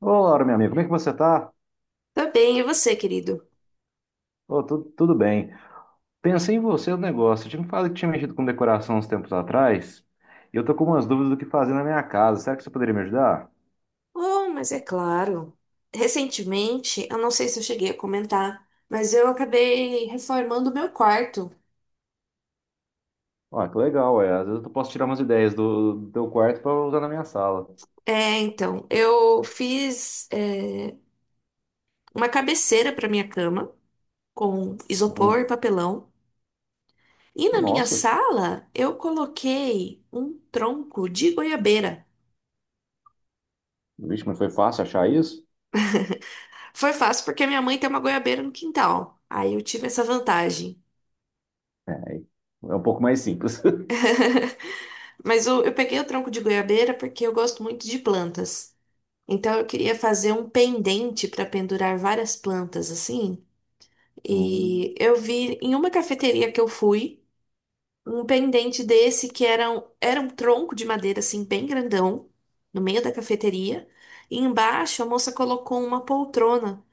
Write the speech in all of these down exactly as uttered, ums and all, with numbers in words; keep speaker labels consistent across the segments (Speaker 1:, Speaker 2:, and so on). Speaker 1: Olá, meu amigo, como é que você tá?
Speaker 2: Tá bem, e você, querido?
Speaker 1: Ô, tudo, tudo bem. Pensei em você no negócio. Eu tinha me falado que tinha mexido com decoração uns tempos atrás e eu tô com umas dúvidas do que fazer na minha casa. Será que você poderia me ajudar?
Speaker 2: Oh, mas é claro. Recentemente, eu não sei se eu cheguei a comentar, mas eu acabei reformando o meu quarto.
Speaker 1: Ó, que legal, é. Às vezes eu posso tirar umas ideias do, do teu quarto para usar na minha sala.
Speaker 2: É, então, eu fiz, é, uma cabeceira para minha cama com isopor e
Speaker 1: Hum,
Speaker 2: papelão. E na minha
Speaker 1: nossa,
Speaker 2: sala, eu coloquei um tronco de goiabeira.
Speaker 1: vixe, mas foi fácil achar isso?
Speaker 2: Foi fácil porque minha mãe tem uma goiabeira no quintal. Aí eu tive essa vantagem.
Speaker 1: É, é um pouco mais simples.
Speaker 2: Mas eu, eu peguei o tronco de goiabeira porque eu gosto muito de plantas. Então eu queria fazer um pendente para pendurar várias plantas assim.
Speaker 1: Hum,
Speaker 2: E eu vi em uma cafeteria que eu fui um pendente desse que era um, era um tronco de madeira assim bem grandão no meio da cafeteria. E embaixo a moça colocou uma poltrona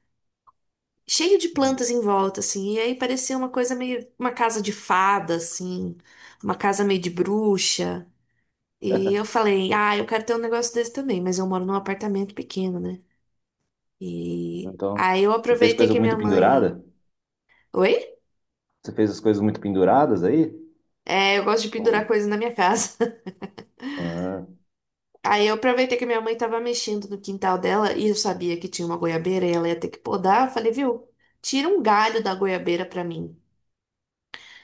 Speaker 2: cheia de plantas em volta assim. E aí parecia uma coisa meio uma casa de fada assim, uma casa meio de bruxa. E eu falei, ah, eu quero ter um negócio desse também, mas eu moro num apartamento pequeno, né? E
Speaker 1: então,
Speaker 2: aí eu
Speaker 1: você fez
Speaker 2: aproveitei
Speaker 1: coisa
Speaker 2: que minha
Speaker 1: muito
Speaker 2: mãe.
Speaker 1: pendurada?
Speaker 2: Oi?
Speaker 1: Você fez as coisas muito penduradas aí?
Speaker 2: É, eu gosto de pendurar
Speaker 1: Ou-
Speaker 2: coisas na minha casa.
Speaker 1: ah,
Speaker 2: Aí eu aproveitei que minha mãe tava mexendo no quintal dela e eu sabia que tinha uma goiabeira e ela ia ter que podar. Eu falei, viu? Tira um galho da goiabeira pra mim.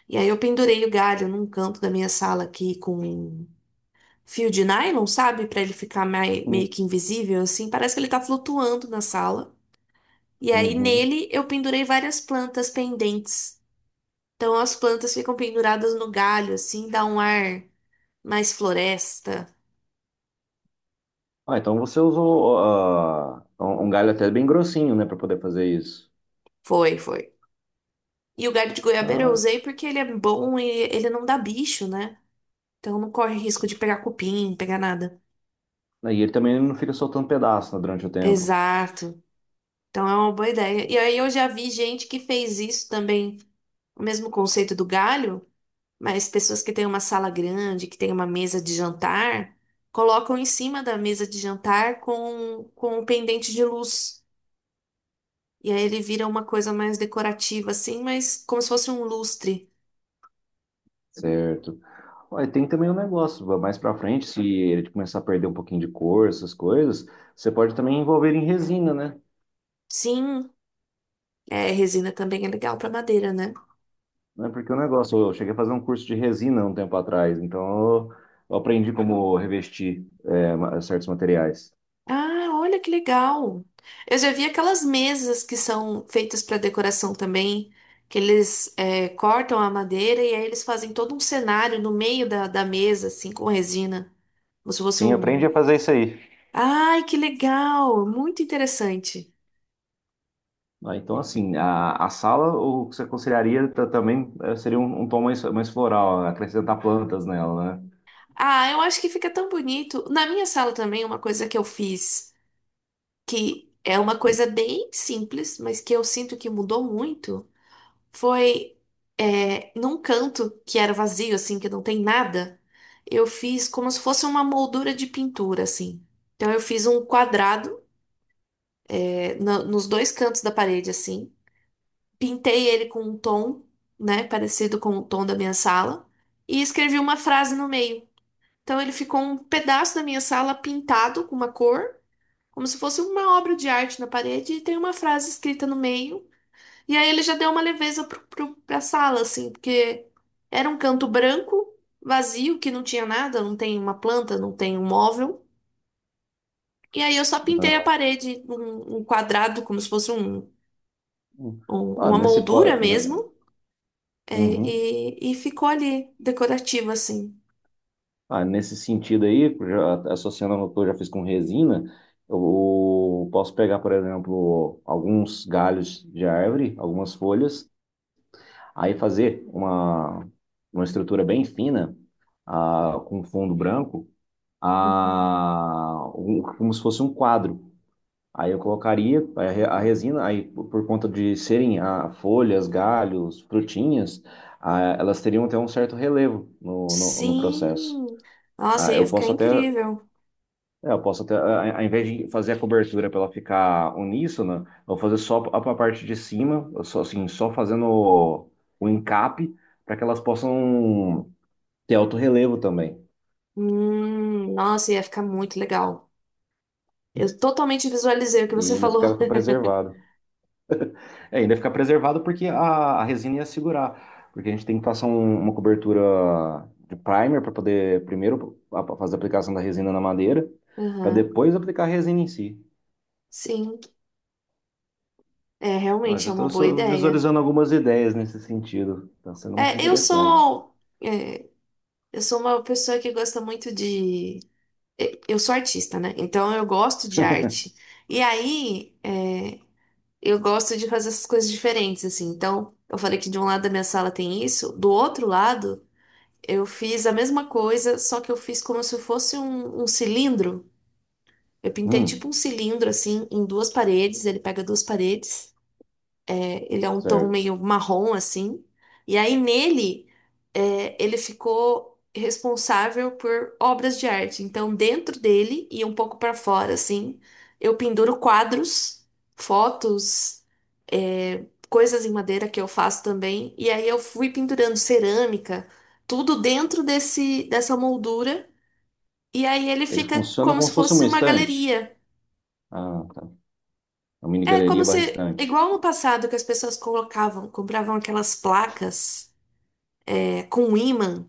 Speaker 2: E aí eu pendurei o galho num canto da minha sala aqui com um fio de nylon, sabe? Pra ele ficar mai-
Speaker 1: hum,
Speaker 2: meio que invisível assim. Parece que ele tá flutuando na sala. E aí
Speaker 1: uhum.
Speaker 2: nele eu pendurei várias plantas pendentes. Então as plantas ficam penduradas no galho assim, dá um ar mais floresta.
Speaker 1: Ah, então você usou ah, um um galho até bem grossinho, né, para poder fazer isso.
Speaker 2: Foi, foi. E o galho de goiabeira eu usei porque ele é bom e ele não dá bicho, né? Então não corre risco de pegar cupim, pegar nada.
Speaker 1: Ah, e ele também não fica soltando pedaço, né, durante o tempo.
Speaker 2: Exato. Então é uma boa ideia. E aí eu já vi gente que fez isso também, o mesmo conceito do galho, mas pessoas que têm uma sala grande, que têm uma mesa de jantar, colocam em cima da mesa de jantar com, com um pendente de luz. E aí ele vira uma coisa mais decorativa, assim, mas como se fosse um lustre.
Speaker 1: Certo. Olha, tem também um negócio, mais pra frente, se ele começar a perder um pouquinho de cor, essas coisas, você pode também envolver em resina, né?
Speaker 2: Sim. É, resina também é legal para madeira, né?
Speaker 1: Né, porque o negócio, eu cheguei a fazer um curso de resina um tempo atrás, então eu, eu aprendi como revestir é, ma- certos materiais.
Speaker 2: Ah, olha que legal. Eu já vi aquelas mesas que são feitas para decoração também, que eles é, cortam a madeira e aí eles fazem todo um cenário no meio da, da mesa, assim, com resina. Como se fosse
Speaker 1: Sim, eu aprendi
Speaker 2: um.
Speaker 1: a fazer isso aí.
Speaker 2: Ai, que legal! Muito interessante.
Speaker 1: Ah, então, assim, a, a sala, o que você aconselharia ta- também eh, seria um, um tom mais, mais floral, acrescentar plantas nela, né?
Speaker 2: Ah, eu acho que fica tão bonito. Na minha sala também, uma coisa que eu fiz, que é uma coisa bem simples, mas que eu sinto que mudou muito. Foi é, num canto que era vazio, assim, que não tem nada. Eu fiz como se fosse uma moldura de pintura, assim. Então eu fiz um quadrado é, na- nos dois cantos da parede, assim. Pintei ele com um tom, né, parecido com o tom da minha sala. E escrevi uma frase no meio. Então ele ficou um pedaço da minha sala pintado com uma cor, como se fosse uma obra de arte na parede, e tem uma frase escrita no meio. E aí ele já deu uma leveza pro, pro, pra sala, assim, porque era um canto branco, vazio, que não tinha nada, não tem uma planta, não tem um móvel. E aí eu só pintei a
Speaker 1: Ah,
Speaker 2: parede um, um quadrado, como se fosse um, um-
Speaker 1: ah,
Speaker 2: uma
Speaker 1: nesse,
Speaker 2: moldura
Speaker 1: qua- eh,
Speaker 2: mesmo, é,
Speaker 1: uhum.
Speaker 2: e e ficou ali, decorativo, assim.
Speaker 1: Ah, nesse sentido aí, já, associando ao que eu já fiz com resina, eu posso pegar, por exemplo, alguns galhos de árvore, algumas folhas, aí fazer uma, uma estrutura bem fina, ah, com fundo branco,
Speaker 2: Uhum.
Speaker 1: ah, um- como se fosse um quadro. Aí eu colocaria a re- a resina, aí por por conta de serem ah, folhas, galhos, frutinhas, ah, elas teriam até um certo relevo no, no, no processo.
Speaker 2: Sim! Nossa,
Speaker 1: Ah,
Speaker 2: ia
Speaker 1: eu
Speaker 2: ficar
Speaker 1: posso até,
Speaker 2: incrível.
Speaker 1: é, eu posso até, a- ao invés de fazer a cobertura para ela ficar uníssona, eu vou fazer só a, a parte de cima, eu só assim, só fazendo o, o encape para que elas possam ter alto relevo também
Speaker 2: Hum, nossa, ia ficar muito legal. Eu totalmente visualizei o que
Speaker 1: e
Speaker 2: você
Speaker 1: ainda
Speaker 2: falou.
Speaker 1: ficava preservado. É, ainda ficar preservado porque a, a resina ia segurar. Porque a gente tem que passar um- uma cobertura de primer para poder primeiro a- fazer a aplicação da resina na madeira, para
Speaker 2: Aham,
Speaker 1: depois aplicar a resina em si.
Speaker 2: sim. É,
Speaker 1: Ó,
Speaker 2: realmente
Speaker 1: já
Speaker 2: é uma boa
Speaker 1: estou
Speaker 2: ideia.
Speaker 1: visualizando algumas ideias nesse sentido. Está sendo muito
Speaker 2: É, eu
Speaker 1: interessante.
Speaker 2: sou, é, eu sou uma pessoa que gosta muito de. e- Eu sou artista, né? Então eu gosto de arte. E aí, é, eu gosto de fazer essas coisas diferentes, assim. Então, eu falei que de um lado da minha sala tem isso, do outro lado, eu fiz a mesma coisa, só que eu fiz como se fosse um um cilindro. Eu pintei tipo um
Speaker 1: Hum,
Speaker 2: cilindro assim em duas paredes, ele pega duas paredes, é, ele é um tom
Speaker 1: certo.
Speaker 2: meio marrom assim, e aí nele é, ele ficou responsável por obras de arte. Então dentro dele e um pouco para fora assim, eu penduro quadros, fotos, é, coisas em madeira que eu faço também, e aí eu fui pendurando cerâmica, tudo dentro desse dessa moldura. E aí ele
Speaker 1: Ele
Speaker 2: fica
Speaker 1: funciona
Speaker 2: como
Speaker 1: como
Speaker 2: se
Speaker 1: se fosse
Speaker 2: fosse
Speaker 1: uma
Speaker 2: uma
Speaker 1: estante.
Speaker 2: galeria.
Speaker 1: Ah, tá. Uma mini
Speaker 2: É
Speaker 1: galeria
Speaker 2: como
Speaker 1: barra
Speaker 2: se,
Speaker 1: estante.
Speaker 2: igual no passado que as pessoas colocavam, compravam aquelas placas é, com um ímã,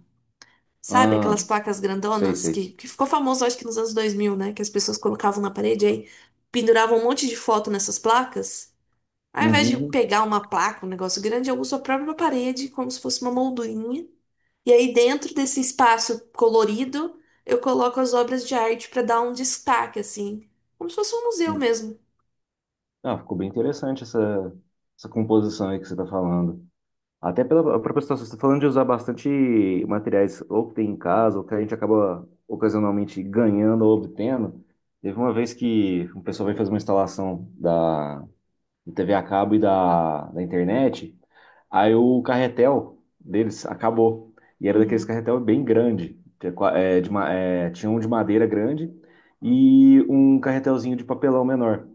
Speaker 2: sabe? Aquelas
Speaker 1: Ah,
Speaker 2: placas
Speaker 1: sei,
Speaker 2: grandonas que,
Speaker 1: sei.
Speaker 2: que ficou famoso, acho que nos anos dois mil, né? Que as pessoas colocavam na parede e aí, penduravam um monte de foto nessas placas. Ao invés de
Speaker 1: Uhum.
Speaker 2: pegar uma placa, um negócio grande, eu uso a própria parede como se fosse uma moldurinha. E aí dentro desse espaço colorido, eu coloco as obras de arte para dar um destaque, assim. Como se fosse um museu
Speaker 1: Uhum.
Speaker 2: mesmo.
Speaker 1: Ah, ficou bem interessante essa, essa composição aí que você está falando. Até pela própria situação, você está falando de usar bastante materiais ou que tem em casa, ou que a gente acaba ocasionalmente ganhando ou obtendo. Teve uma vez que um pessoal veio fazer uma instalação da, do T V a cabo e da, da internet. Aí o carretel deles acabou. E era daqueles
Speaker 2: Uhum.
Speaker 1: carretel bem grande, que é qua- é, de ma- é, tinha um de madeira grande e um carretelzinho de papelão menor.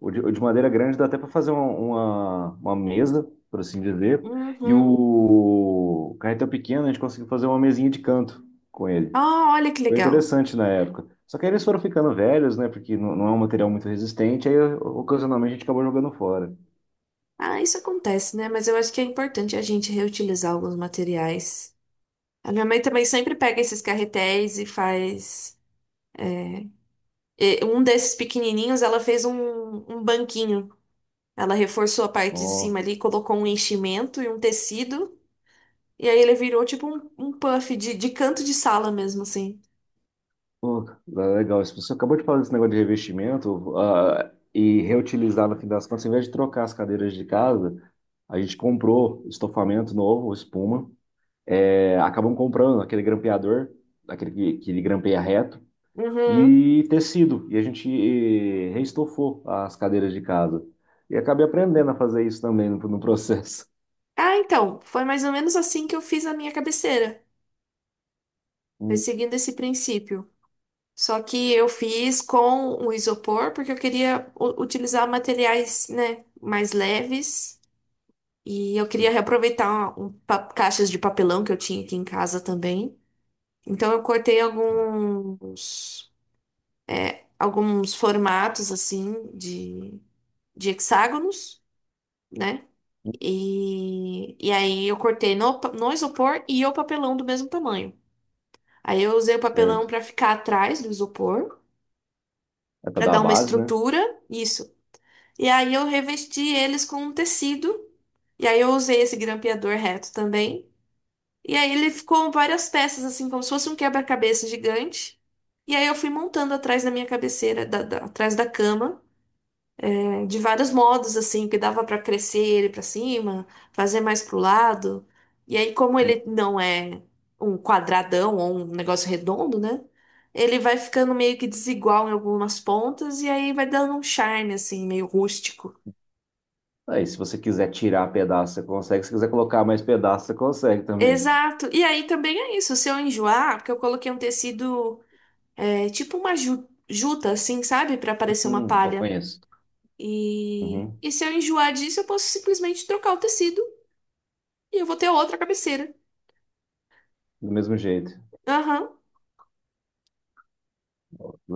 Speaker 1: O de, o de madeira grande dá até para fazer uma, uma, uma mesa, por assim dizer. E
Speaker 2: Uhum.
Speaker 1: o carretel pequeno a gente conseguiu fazer uma mesinha de canto com ele.
Speaker 2: Ah, olha que
Speaker 1: Foi
Speaker 2: legal.
Speaker 1: interessante na época. Só que aí eles foram ficando velhos, né? Porque não, não é um material muito resistente. Aí ocasionalmente a gente acabou jogando fora.
Speaker 2: Ah, isso acontece, né? Mas eu acho que é importante a gente reutilizar alguns materiais. A minha mãe também sempre pega esses carretéis e faz. E Um desses pequenininhos, ela fez um, um banquinho. Ela reforçou a parte de
Speaker 1: Ó.
Speaker 2: cima ali, colocou um enchimento e um tecido. E aí ele virou tipo um, um puff de, de canto de sala mesmo, assim.
Speaker 1: Pô, legal. Isso. Você acabou de falar desse negócio de revestimento, ah, e reutilizar no fim das contas, em vez de trocar as cadeiras de casa, a gente comprou estofamento novo, espuma. É, acabamos comprando aquele grampeador, aquele que, que ele grampeia reto,
Speaker 2: Uhum.
Speaker 1: e tecido. E a gente reestofou as cadeiras de casa. E acabei aprendendo a fazer isso também no, no processo.
Speaker 2: Ah, então, foi mais ou menos assim que eu fiz a minha cabeceira. Foi
Speaker 1: Hum,
Speaker 2: seguindo esse princípio. Só que eu fiz com o isopor, porque eu queria u- utilizar materiais, né, mais leves. E eu queria reaproveitar um, pa- caixas de papelão que eu tinha aqui em casa também. Então eu cortei alguns, alguns formatos, assim, de, de hexágonos, né? E, e aí eu cortei no, pa- no isopor e o papelão do mesmo tamanho. Aí eu usei o papelão
Speaker 1: Certo.
Speaker 2: para ficar atrás do isopor,
Speaker 1: É para
Speaker 2: para
Speaker 1: dar a
Speaker 2: dar uma
Speaker 1: base, né?
Speaker 2: estrutura. Isso. E aí eu revesti eles com um tecido. E aí eu usei esse grampeador reto também. E aí ele ficou várias peças, assim, como se fosse um quebra-cabeça gigante. E aí eu fui montando atrás da minha cabeceira, da- da- atrás da cama, eh, de vários modos, assim, que dava pra crescer ele pra cima, fazer mais pro lado. E aí, como ele não é um quadradão ou um negócio redondo, né? Ele vai ficando meio que desigual em algumas pontas e aí vai dando um charme, assim, meio rústico.
Speaker 1: Aí, se você quiser tirar pedaço, você consegue. Se quiser colocar mais pedaço, você consegue também.
Speaker 2: Exato. E aí também é isso. Se eu enjoar, porque eu coloquei um tecido é, tipo uma ju- juta, assim, sabe? Pra parecer uma
Speaker 1: Hum, co-
Speaker 2: palha.
Speaker 1: conheço.
Speaker 2: E...
Speaker 1: Uhum.
Speaker 2: e se eu enjoar disso, eu posso simplesmente trocar o tecido e eu vou ter outra cabeceira.
Speaker 1: Do mesmo jeito.
Speaker 2: Aham.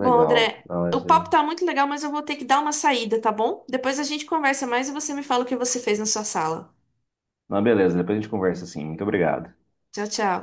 Speaker 2: Bom, André,
Speaker 1: Não,
Speaker 2: o
Speaker 1: essa-
Speaker 2: papo tá muito legal, mas eu vou ter que dar uma saída, tá bom? Depois a gente conversa mais e você me fala o que você fez na sua sala.
Speaker 1: Não, beleza, depois a gente conversa assim. Muito obrigado.
Speaker 2: Tchau, tchau.